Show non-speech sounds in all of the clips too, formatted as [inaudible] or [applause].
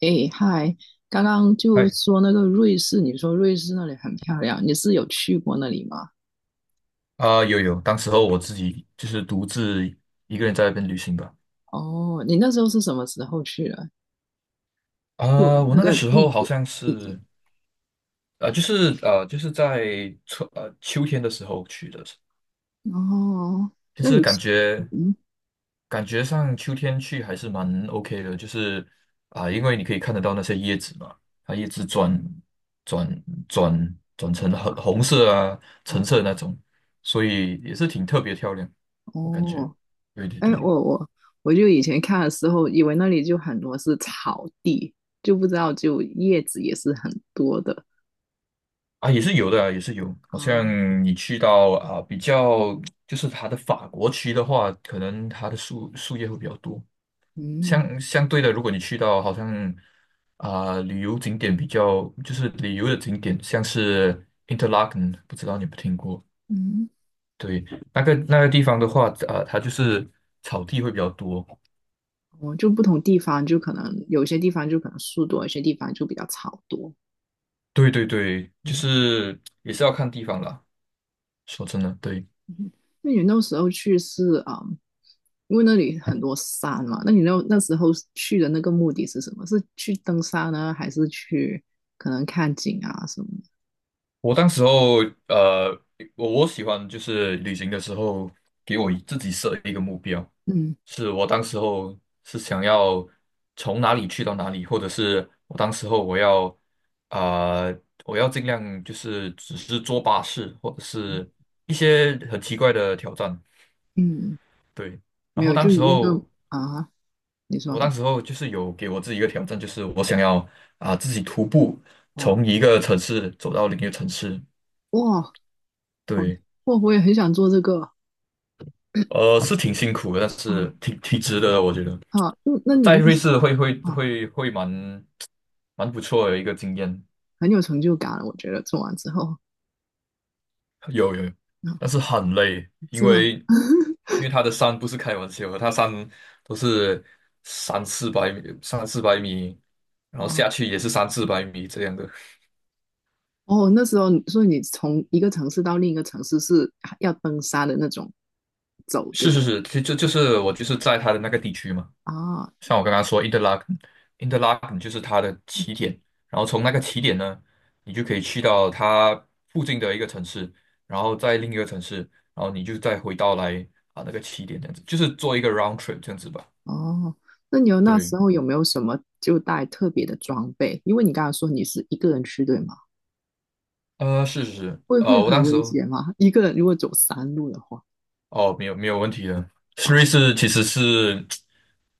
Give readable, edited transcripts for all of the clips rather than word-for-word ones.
哎，嗨，刚刚就嗨，说那个瑞士，你说瑞士那里很漂亮，你是有去过那里吗？有，当时候我自己就是独自一个人在那边旅行吧。哦，你那时候是什么时候去的？就我那那个个时候季好节，像季节。是，就是在秋天的时候去的，哦，其那实你感是觉嗯，感觉上秋天去还是蛮 OK 的，就是因为你可以看得到那些叶子嘛，它叶子转成红红色啊、橙哦色那种，所以也是挺特别漂亮，我感觉。哦，对对哎，对。我就以前看的时候，以为那里就很多是草地，就不知道就叶子也是很多的也是有的啊，也是有。好啊，像你去到比较就是它的法国区的话，可能它的树叶会比较多。嗯相对的，如果你去到好像旅游景点比较，就是旅游的景点，像是 Interlaken,不知道你有没有听过？嗯，对，那个那个地方的话，它就是草地会比较多。哦，就不同地方就可能有些地方就可能树多，有些地方就比较草多，对对对，就嗯。是也是要看地方啦。说真的，对。[laughs] 那你那时候去是啊、嗯因为那里很多山嘛，那你那时候去的那个目的是什么？是去登山呢，还是去可能看景啊什么我当时候，呃，我喜欢就是旅行的时候，给我自己设一个目标，的？嗯是我当时候是想要从哪里去到哪里，或者是我当时候我要我要尽量就是只是坐巴士，或者是一些很奇怪的挑战，嗯，对。然没后有，当就你时那候，个啊，你说我当时候就是有给我自己一个挑战，就是我想要自己徒步哇从一个城市走到另一个城市，哇，好对。哇，我也很想做这个是挺辛苦的，但是啊挺挺值得的，我觉得啊，嗯那你在那瑞时士会会啊会会蛮蛮不错的一个经验，很有成就感，我觉得做完之后有有，有啊，但是很累，因是吗？为因 [laughs] 为它的山不是开玩笑的，它山都是三四百米，三四百米，然后啊下去也是三四百米这样的。哦，那时候你所以你从一个城市到另一个城市是要登山的那种走，对是吧？是是，就是我就是在它的那个地区嘛。啊，像我刚刚说 Interlaken Interlak 就是它的起点，然后从那个起点呢，你就可以去到它附近的一个城市，然后在另一个城市，然后你就再回到来那个起点这样子，就是做一个 round trip 这样子吧。哦，那你有那对，时候有没有什么就带特别的装备？因为你刚才说你是一个人去，对吗？是是是，会会我很当时危险吗？一个人如果走山路的话，哦，没有没有问题的，瑞啊，士其实是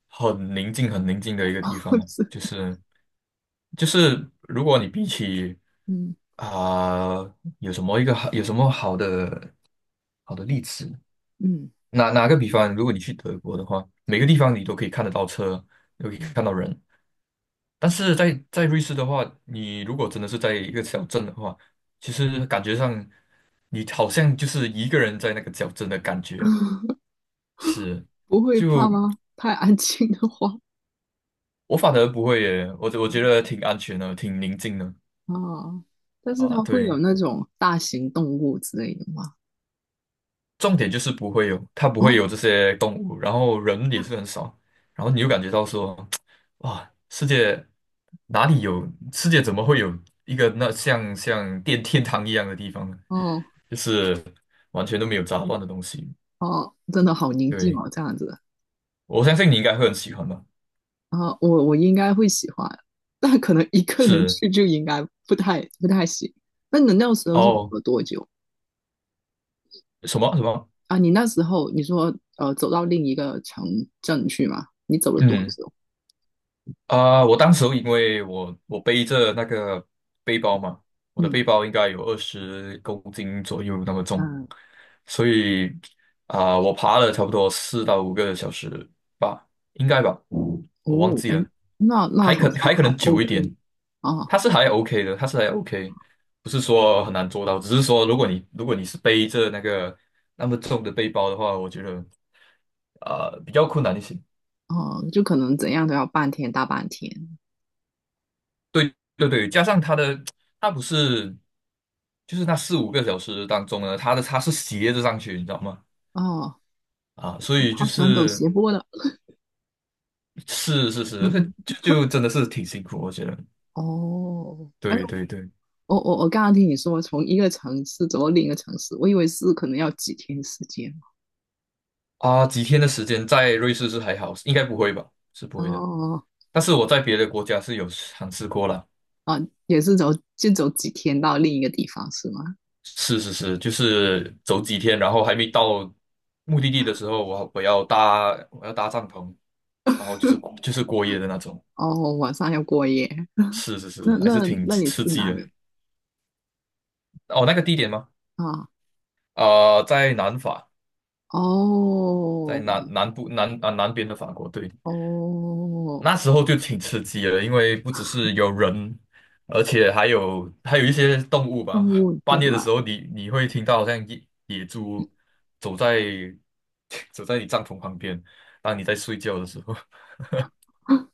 很宁静很宁静的一个地 [laughs] 方，是，就是就是如果你比起嗯啊、有什么一个好有什么好的好的例子？嗯哪哪个比方，如果你去德国的话，每个地方你都可以看得到车，都可以嗯，看到人。但是在在瑞士的话，你如果真的是在一个小镇的话，其实感觉上你好像就是一个人在那个小镇的感觉。是，不会怕就吗？太安静的话，我反而不会耶，我觉得挺安全的，挺宁静的啊，但是啊。它会有对，那种大型动物之类的吗？重点就是不会有，它不会有哦这些动物，然后人也是很少，然后你就感觉到说，[tsk] 哇，世界哪里有，世界怎么会有一个那像像电天堂一样的地方呢？哦就是完全都没有杂乱的东西。哦，真的好宁静对，哦，这样子。我相信你应该会很喜欢吧？啊，我我应该会喜欢，但可能一个人是，去就应该不太行。那你那时候是走哦，了多久什么什么？啊？你那时候你说走到另一个城镇去嘛？你走了多嗯。久？我当时候因为我我背着那个背包嘛，我的背嗯包应该有20公斤左右那么重，嗯所以我爬了差不多4到5个小时吧，应该吧，我忘哦，记哎，了，那那还好可像还可还 能久一 OK 点，哦它是还 OK 的，它是还 OK,不是说很难做到，只是说如果你如果你是背着那个那么重的背包的话，我觉得比较困难一些。哦，就可能怎样都要半天大半天对对对，加上他的，他不是，就是那4、5个小时当中呢，他的他是斜着上去，你知道吗？哦。啊，所我以好就喜欢走是斜坡的，是是 [laughs] 是，嗯这就真的是挺辛苦，我觉得。哦，哎，对对对，我刚刚听你说从一个城市走到另一个城市，我以为是可能要几天时间。啊，几天的时间在瑞士是还好，应该不会吧？是不哦会的。哦，但是我在别的国家是有尝试过了，哦也是走就走几天到另一个地方是吗？是是是，就是走几天，然后还没到目的地的时候，我要搭帐篷，然后就是过夜的那种。哦，晚上要过夜。是是是，那还是那挺那你刺是激哪的。里哦，那个地点吗？啊？在南法，在哦南南部南啊、南边的法国。对，哦，那时候就挺刺激的，因为不只是有人，而且还有还有一些动物动吧。物对半夜的时吧？候你，你会听到好像野野猪走在 [laughs] 走在你帐篷旁边，当你在睡觉的时候，[laughs]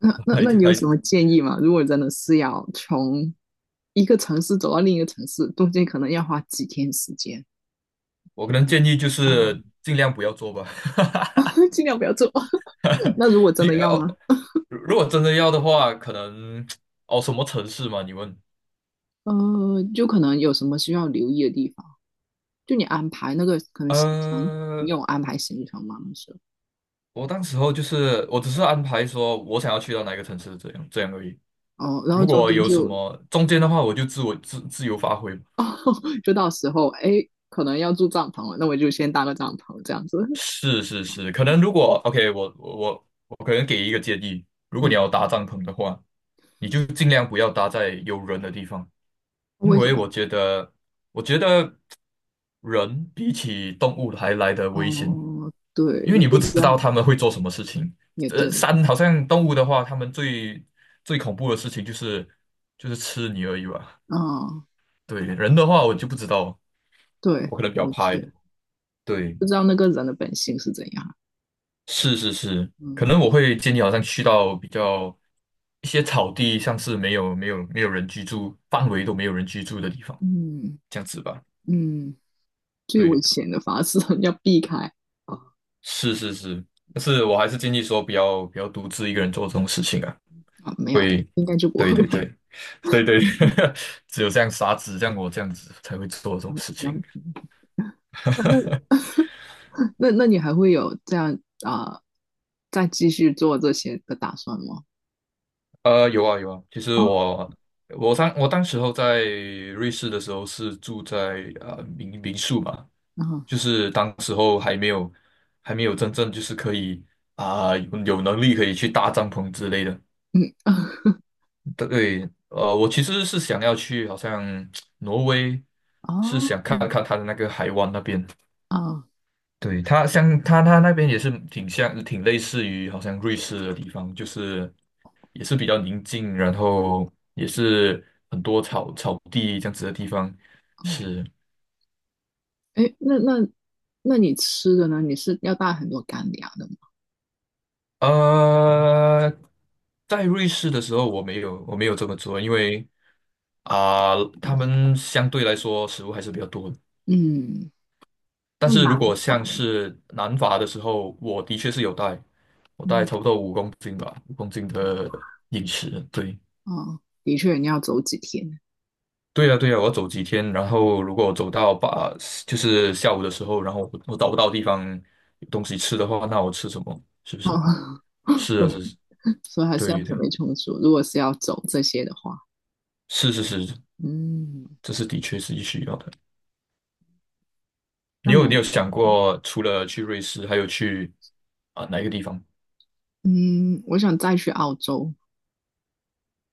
那 [laughs] 那还那你有还什么建议吗？如果真的是要从一个城市走到另一个城市，中间可能要花几天时间我可能建议就啊，是尽量不要做吧。[laughs] [laughs] 尽量不要做。[laughs] 那如果真你的要哦呢？如如果真的要的话，可能 [tsk] 哦，什么城市嘛？你问。呃，就可能有什么需要留意的地方。就你安排那个可能行程，你呃，有安排行程吗？那时我当时候就是我只是安排说我想要去到哪个城市，这样这样而已。候哦，然后如中果间有什就么中间的话，我自自由发挥。就到时候哎，可能要住帐篷了，那我就先搭个帐篷这样子。是是是，可能如果 OK,我可能给一个建议，如果你嗯，要搭帐篷的话，你就尽量不要搭在有人的地方，[laughs] 因为什为我么？觉得我觉得人比起动物还来得危险。哦，对，因为你你不是这知道样，他们会做什么事情。也对，山好像动物的话，他们最最恐怖的事情就是吃你而已吧。嗯，对，人的话我就不知道，对，我可能比较没怕一错，点。对，不知道那个人的本性是怎样。是是是，可嗯能我会建议好像去到比较一些草地，像是没有人居住范围都没有人居住的地方，嗯这样子吧。嗯，最危对，险的法是 [laughs] 要避开。哦是是是，但是我还是建议说不要独自一个人做这种事情啊。啊，没有，会，应该就不对会对了。对，对对，[laughs] 只有这样傻子，像我这样子才会做这种事情。[laughs] 那那 [laughs] 那你还会有这样啊、呃再继续做这些的打算吗？呃，有啊有啊，其实哦，我我当时候在瑞士的时候是住在民民宿嘛，啊，就是当时候还没有真正就是可以有有能力可以去搭帐篷之类的。嗯，[laughs] 对，我其实是想要去好像 [tsk] 挪威，是哦，想看看它的那个海湾那边，哦，对，它像它它那边也是挺像，挺类似于好像瑞士的地方，就是也是比较宁静，然后也是很多草草地这样子的地方。嗯，是，哎，那你吃的呢？你是要带很多干粮的呃，在瑞士的时候我没有这么做，因为他吗？们相对来说食物还是比较多的。嗯，但那是如难果像吧？是南法的时候，我的确是有带，我带嗯，差不多五公斤吧，五公斤哇，的饮食，对。哦，的确，你要走几天？对呀，对呀，我要走几天，然后如果我走到把就是下午的时候，然后我找不到地方有东西吃的话，那我吃什么？是不是？哦，[laughs] 是对，啊，是，所以还是要对准对，备充足。如果是要走这些的话，是是是，嗯这是的确是需要的。你那有你难。有想过，除了去瑞士，还有去哪一个地方嗯，我想再去澳洲，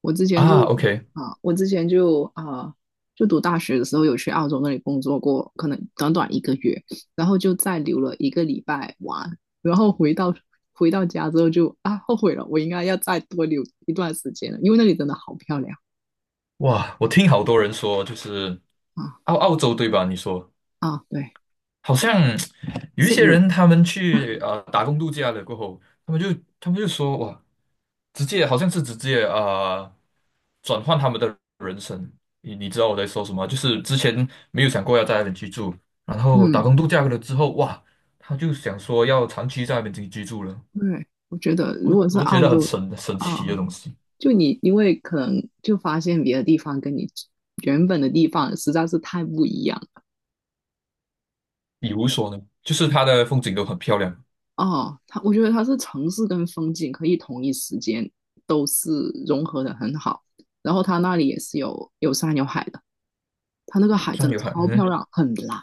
我之前啊就？OK,啊，我之前就啊，就读大学的时候有去澳洲那里工作过，可能短短一个月，然后就再留了一个礼拜玩，然后回到家之后就啊后悔了，我应该要再多留一段时间了，因为那里真的好漂亮哇，我听好多人说，就是啊澳洲对吧？你说啊，对，好像有一悉些尼，人他们去打工度假了过后，他们就他们就说哇。直接好像是直接呃转换他们的人生。你你知道我在说什么？就是之前没有想过要在那边居住，然后打嗯，工度假了之后，哇，他就想说要长期在那边居住了。对，我觉得如我果是我觉澳得很洲神神奇的啊，东西。就你因为可能就发现别的地方跟你原本的地方实在是太不一样。比如说呢，就是它的风景都很漂亮，哦，它我觉得它是城市跟风景可以同一时间都是融合的很好，然后它那里也是有有山有海的，它那个海真山的有海，超漂嗯，亮，很蓝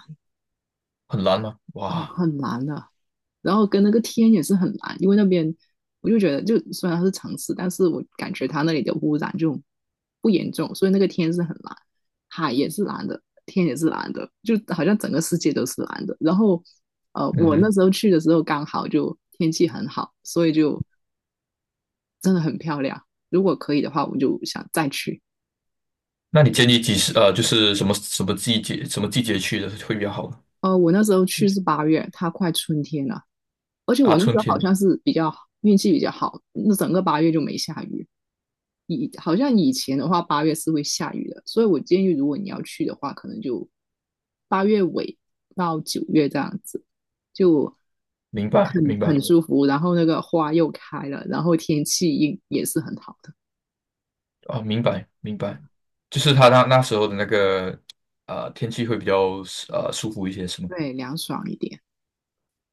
很蓝吗？哦，哇，很蓝的，然后跟那个天也是很蓝，因为那边我就觉得就虽然它是城市，但是我感觉它那里的污染就不严重，所以那个天是很蓝，海也是蓝的，天也是蓝的，就好像整个世界都是蓝的，然后。呃，嗯我那哼，时候去的时候刚好就天气很好，所以就真的很漂亮。如果可以的话，我就想再去。那你建议几时？就是什么什么季节，什么季节去的会比较好呢呃，我那时候去是八月，它快春天了，而且啊，我那春时候好天，像是比较运气比较好，那整个八月就没下雨。以好像以前的话，八月是会下雨的，所以我建议如果你要去的话，可能就8月尾到9月这样子，就明白很明很白。舒服。然后那个花又开了，然后天气也是很好的，哦，明白明啊白，就是他那那时候的那个天气会比较舒服一些，是吗？对，凉爽一点。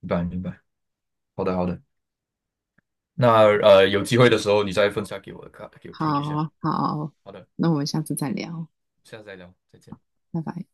明白明白，好的好的，那有机会的时候你再分享给我看，给我听一下。好好，好的，那我们下次再聊。下次再聊，再见。拜拜。